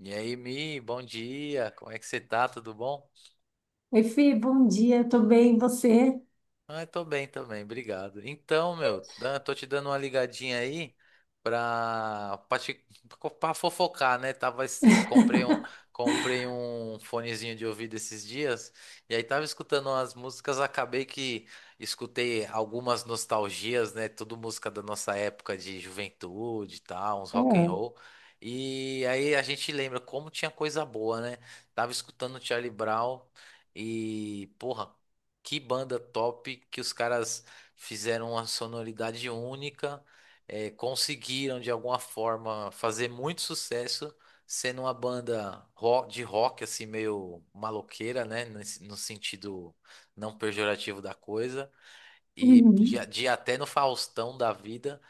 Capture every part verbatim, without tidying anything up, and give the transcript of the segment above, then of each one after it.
E aí, Mi, bom dia. Como é que você tá? Tudo bom? Oi, Fê, bom dia, tô bem, e você? Ah, eu tô bem também, obrigado. Então, meu, dan- tô te dando uma ligadinha aí pra, pra, te- pra fofocar, né? Tava, esse- comprei um, comprei um fonezinho de ouvido esses dias e aí tava escutando umas músicas, acabei que escutei algumas nostalgias, né? Tudo música da nossa época de juventude e tal, uns É. rock and roll. E aí a gente lembra como tinha coisa boa, né? Tava escutando Charlie Brown. E, porra, que banda top! Que os caras fizeram uma sonoridade única, eh, conseguiram de alguma forma fazer muito sucesso, sendo uma banda ro- de rock assim meio maloqueira, né, nesse- no sentido não pejorativo da coisa, e de, Uhum. de até no Faustão da vida.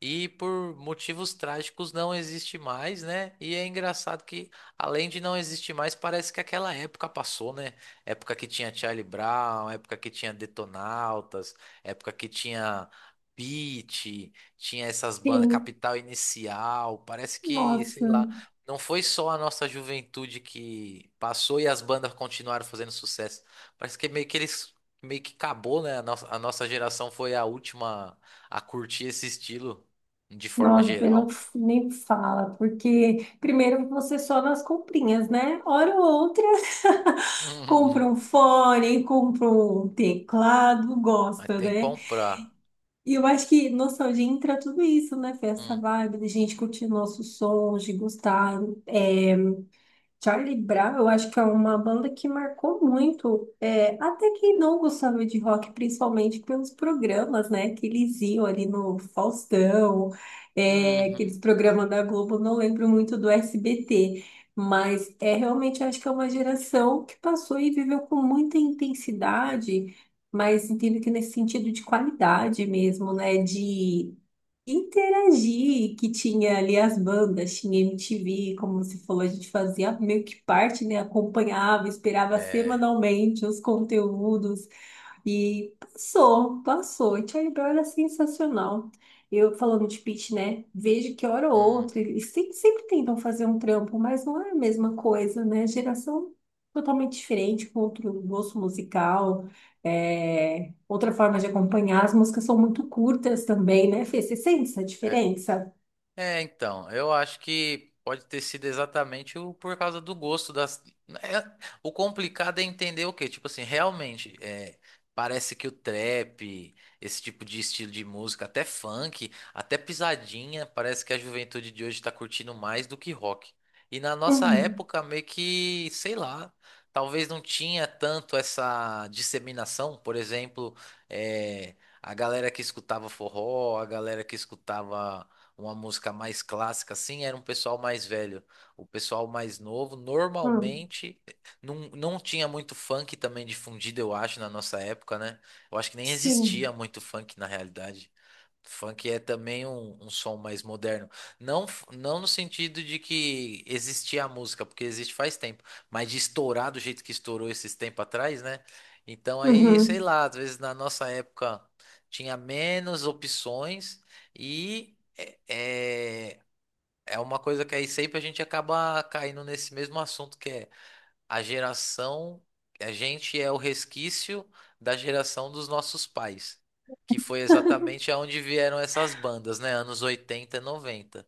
E por motivos trágicos não existe mais, né? E é engraçado que, além de não existir mais, parece que aquela época passou, né? Época que tinha Charlie Brown, época que tinha Detonautas, época que tinha Pitty, tinha essas bandas, Sim, Capital Inicial. Parece que, sei nossa, lá, não foi só a nossa juventude que passou e as bandas continuaram fazendo sucesso. Parece que meio que eles. Meio que acabou, né? A nossa, a nossa geração foi a última a curtir esse estilo de forma nossa, Fê, não geral. f- nem fala, porque primeiro você só nas comprinhas, né? Hora ou outra, compra Uhum. um fone, compra um teclado, Mas gosta, tem que né? comprar. E eu acho que nostalgia entra tudo isso, né, Fê? Essa Hum, vibe de gente curtir nossos sons, de gostar, é, Charlie Brown, eu acho que é uma banda que marcou muito, é, até quem não gostava de rock, principalmente pelos programas, né, que eles iam ali no Faustão, é, uhum, aqueles programas da Globo, não lembro muito do S B T, mas é realmente acho que é uma geração que passou e viveu com muita intensidade, mas entendo que nesse sentido de qualidade mesmo, né, de interagir, que tinha ali as bandas, tinha M T V, como você falou, a gente fazia meio que parte, né? Acompanhava, esperava é, semanalmente os conteúdos. E passou, passou. E Charlie Brown era sensacional. Eu falando de Pitch, né? Vejo que hora ou hum, outra, eles sempre, sempre tentam fazer um trampo, mas não é a mesma coisa, né? Geração totalmente diferente, com outro gosto musical, é, outra forma de acompanhar. As músicas são muito curtas também, né, Fê? Você sente essa é. diferença? É, então, eu acho que pode ter sido exatamente o, por causa do gosto das. É, o complicado é entender o quê? Tipo assim, realmente, é, parece que o trap, esse tipo de estilo de música, até funk, até pisadinha, parece que a juventude de hoje tá curtindo mais do que rock. E na nossa Uhum, época, meio que, sei lá, talvez não tinha tanto essa disseminação, por exemplo, é, a galera que escutava forró, a galera que escutava uma música mais clássica, assim, era um pessoal mais velho. O pessoal mais novo, uhum, normalmente, não, não tinha muito funk também difundido, eu acho, na nossa época, né? Eu acho que nem existia sim. muito funk na realidade. Funk é também um, um som mais moderno. Não, f- não no sentido de que existia a música, porque existe faz tempo, mas de estourar do jeito que estourou esses tempos atrás, né? Então aí, sei Uhum, lá, às vezes na nossa época tinha menos opções. E é, é é uma coisa que aí sempre a gente acaba caindo nesse mesmo assunto que é a geração, a gente é o resquício da geração dos nossos pais, que foi exatamente aonde vieram essas bandas, né? Anos oitenta, e noventa.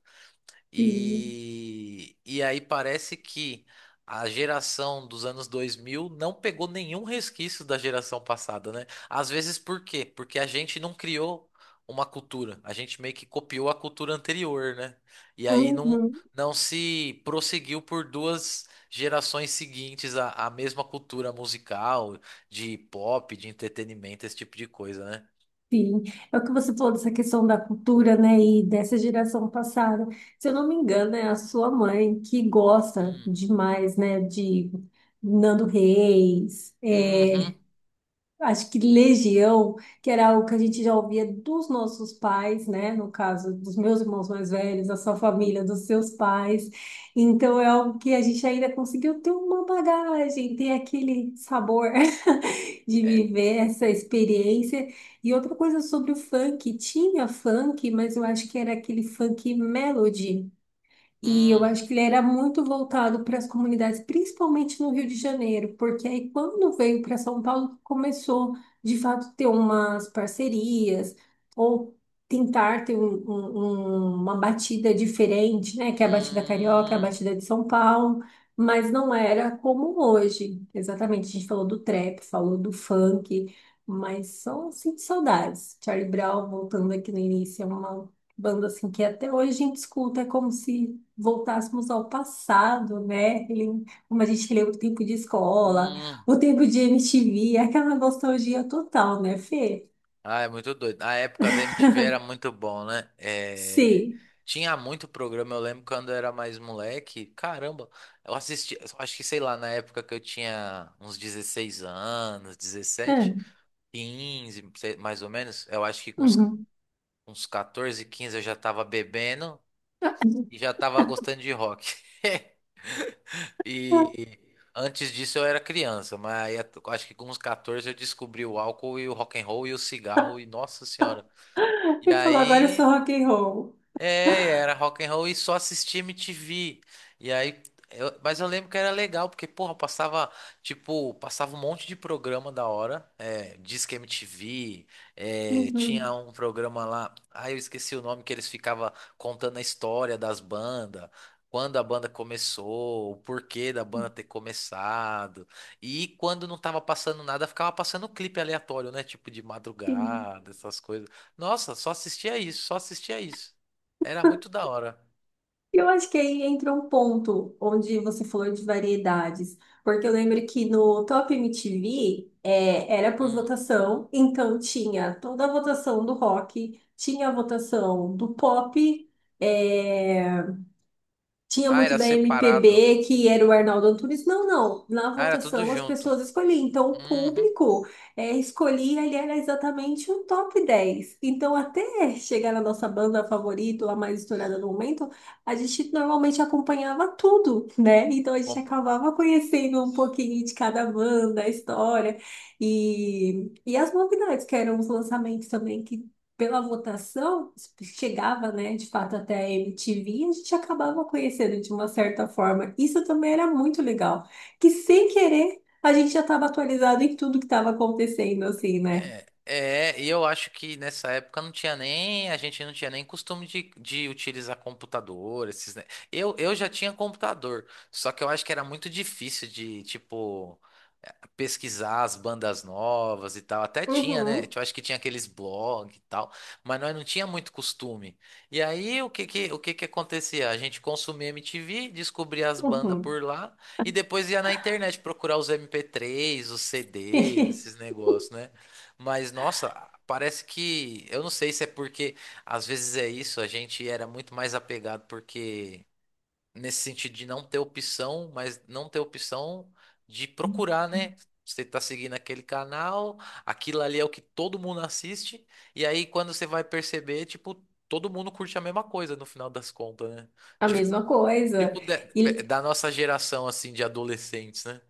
sim. E, e aí parece que a geração dos anos dois mil não pegou nenhum resquício da geração passada, né? Às vezes por quê? Porque a gente não criou uma cultura, a gente meio que copiou a cultura anterior, né? E aí não, Uhum. não se prosseguiu por duas gerações seguintes a, a mesma cultura musical, de pop, de entretenimento, esse tipo de coisa, né? Sim, é o que você falou dessa questão da cultura, né, e dessa geração passada. Se eu não me engano, é a sua mãe que gosta Hum. demais, né, de Nando Reis, Uhum. é, acho que Legião, que era algo que a gente já ouvia dos nossos pais, né, no caso dos meus irmãos mais velhos, da sua família, dos seus pais. Então é algo que a gente ainda conseguiu ter uma bagagem, ter aquele sabor de É. viver essa experiência. E outra coisa sobre o funk, tinha funk, mas eu acho que era aquele funk melody. E eu Hum. acho que ele era muito voltado para as comunidades, principalmente no Rio de Janeiro, porque aí quando veio para São Paulo, começou de fato ter umas parcerias ou tentar ter um- um- um- uma batida diferente, né? Que é a batida carioca, a Hum. batida de São Paulo, mas não era como hoje. Exatamente, a gente falou do trap, falou do funk, mas só sinto saudades. Charlie Brown, voltando aqui no início, é uma banda assim que até hoje a gente escuta, é como se voltássemos ao passado, né? Ele- Como a gente lembra o tempo de escola, Hum. o tempo de M T V, aquela nostalgia total, né, Fê? Ah, é muito doido. A época da M T V era muito bom, né? É, Sim. tinha muito programa. Eu lembro quando eu era mais moleque. Caramba, eu assisti. Eu acho que, sei lá, na época que eu tinha uns dezesseis anos, dezessete, É. quinze, sei- mais ou menos. Eu acho que com uns, Uhum. uns quatorze, quinze eu já tava bebendo e já tava gostando de rock. E antes disso eu era criança, mas aí eu acho que com uns quatorze eu descobri o álcool e o rock and roll e o cigarro e nossa senhora. E Ele falou, agora eu sou aí rock and roll. É, era rock and roll e só assistia M T V. E aí, eu- mas eu lembro que era legal, porque, porra, passava, tipo, passava um monte de programa da hora. É, Disque M T V, é, tinha Uhum. um programa lá, ah, eu esqueci o nome, que eles ficavam contando a história das bandas, quando a banda começou, o porquê da banda ter começado. E quando não tava passando nada, ficava passando clipe aleatório, né? Tipo, de Sim. madrugada, essas coisas. Nossa, só assistia isso, só assistia isso. Era muito da hora. Eu acho que aí entra um ponto onde você falou de variedades, porque eu lembro que no Top M T V é, era por Hum. votação, então tinha toda a votação do rock, tinha a votação do pop, é, tinha Ah, muito era da separado. M P B, que era o Arnaldo Antunes. Não, não. Na Ah, era tudo votação as junto. pessoas escolhiam. Então, o Uhum. público é, escolhia, ele era exatamente o top dez. Então, até chegar na nossa banda favorita, ou a mais estourada no momento, a gente normalmente acompanhava tudo, né? Então, a gente Pompa. acabava conhecendo um pouquinho de cada banda, a história e, e as novidades, que eram os lançamentos também, que pela votação, chegava, né, de fato até a M T V e a gente acabava conhecendo de uma certa forma. Isso também era muito legal, que sem querer a gente já estava atualizado em tudo que estava acontecendo, assim, né? É, é, e eu acho que nessa época não tinha nem, a gente não tinha nem costume de, de utilizar computador, esses, ne- Eu, eu já tinha computador, só que eu acho que era muito difícil de, tipo, pesquisar as bandas novas e tal. Até tinha, né? Uhum, Eu acho que tinha aqueles blogs e tal, mas nós não tinha muito costume. E aí o que que, o que que acontecia? A gente consumia M T V, descobria as bandas uhum. por lá e depois ia na internet procurar os M P três, os C Ds, esses negócios, né? Mas nossa, parece que eu não sei se é porque às vezes é isso, a gente era muito mais apegado porque nesse sentido de não ter opção, mas não ter opção de procurar, né? Você tá seguindo aquele canal, aquilo ali é o que todo mundo assiste, e aí quando você vai perceber, tipo, todo mundo curte a mesma coisa no final das contas, né? A De- mesma coisa. tipo, da E, da nossa geração, assim, de adolescentes, né?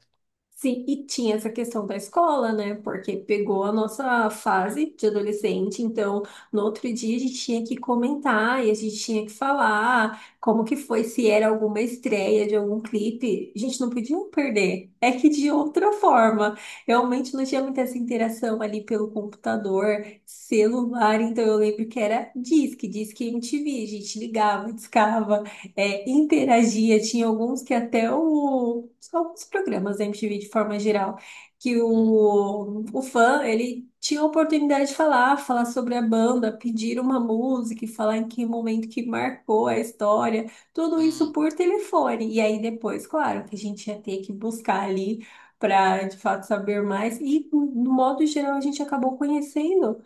sim, e tinha essa questão da escola, né? Porque pegou a nossa fase de adolescente, então no outro dia a gente tinha que comentar e a gente tinha que falar como que foi, se era alguma estreia de algum clipe. A gente não podia perder. É que de outra forma, realmente não tinha muita essa interação ali pelo computador, celular, então eu lembro que era disque, disque M T V, a gente ligava, discava é, interagia. Tinha alguns que até o, alguns programas da M T V de forma geral, que Hum. o, o fã, ele tinha a oportunidade de falar, falar sobre a banda, pedir uma música, e falar em que momento que marcou a história, tudo isso Hum. por telefone. E aí depois, claro, que a gente ia ter que buscar ali para de fato saber mais. E, no modo geral, a gente acabou conhecendo.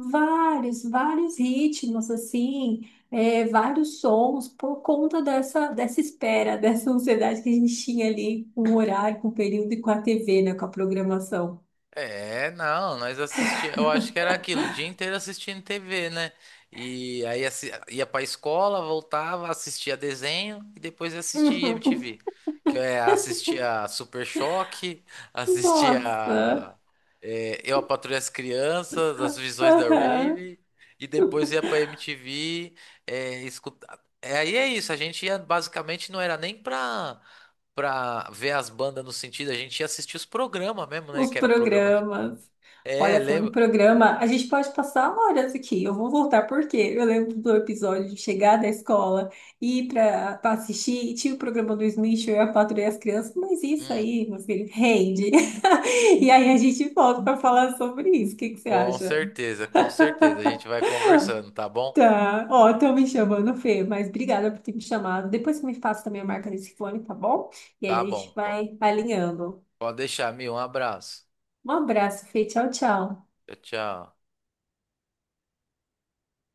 Vários, vários ritmos, assim, é, vários sons, por conta dessa, dessa espera, dessa ansiedade que a gente tinha ali com o horário, com o período e com a T V, né, com a programação. É, não, nós assistia, eu acho que era aquilo, o dia inteiro assistindo T V, né? E aí assi- ia pra escola, voltava, assistia desenho e depois assistia Uhum. M T V. Que é, assistia Super Choque, assistia Nossa! é, Eu, a Patroa e as Crianças, As Visões da Aham. Rave, e depois ia pra M T V, é, escutar. É, aí é isso, a gente ia basicamente não era nem pra pra ver as bandas no sentido, a gente ia assistir os programas mesmo, né? Os Que era programa de banda. programas. É, Olha, falando em lembro. programa, a gente pode passar horas aqui. Eu vou voltar porque eu lembro do episódio de chegar da escola, ir para assistir, e tinha o programa do Smith, eu e a Patrulha e as crianças, mas isso Hum, aí, meu filho, rende. E aí a gente volta para falar sobre isso. O que que você com acha? certeza, com certeza. A gente vai conversando, tá bom? Tá, ó, estão me chamando, Fê, mas obrigada por ter me chamado. Depois você me passa também a marca desse fone, tá bom? E aí Tá a gente bom. Po- vai alinhando. Pode deixar, Mi. Um abraço. Um abraço, Fê. Tchau, tchau. Tchau, tchau.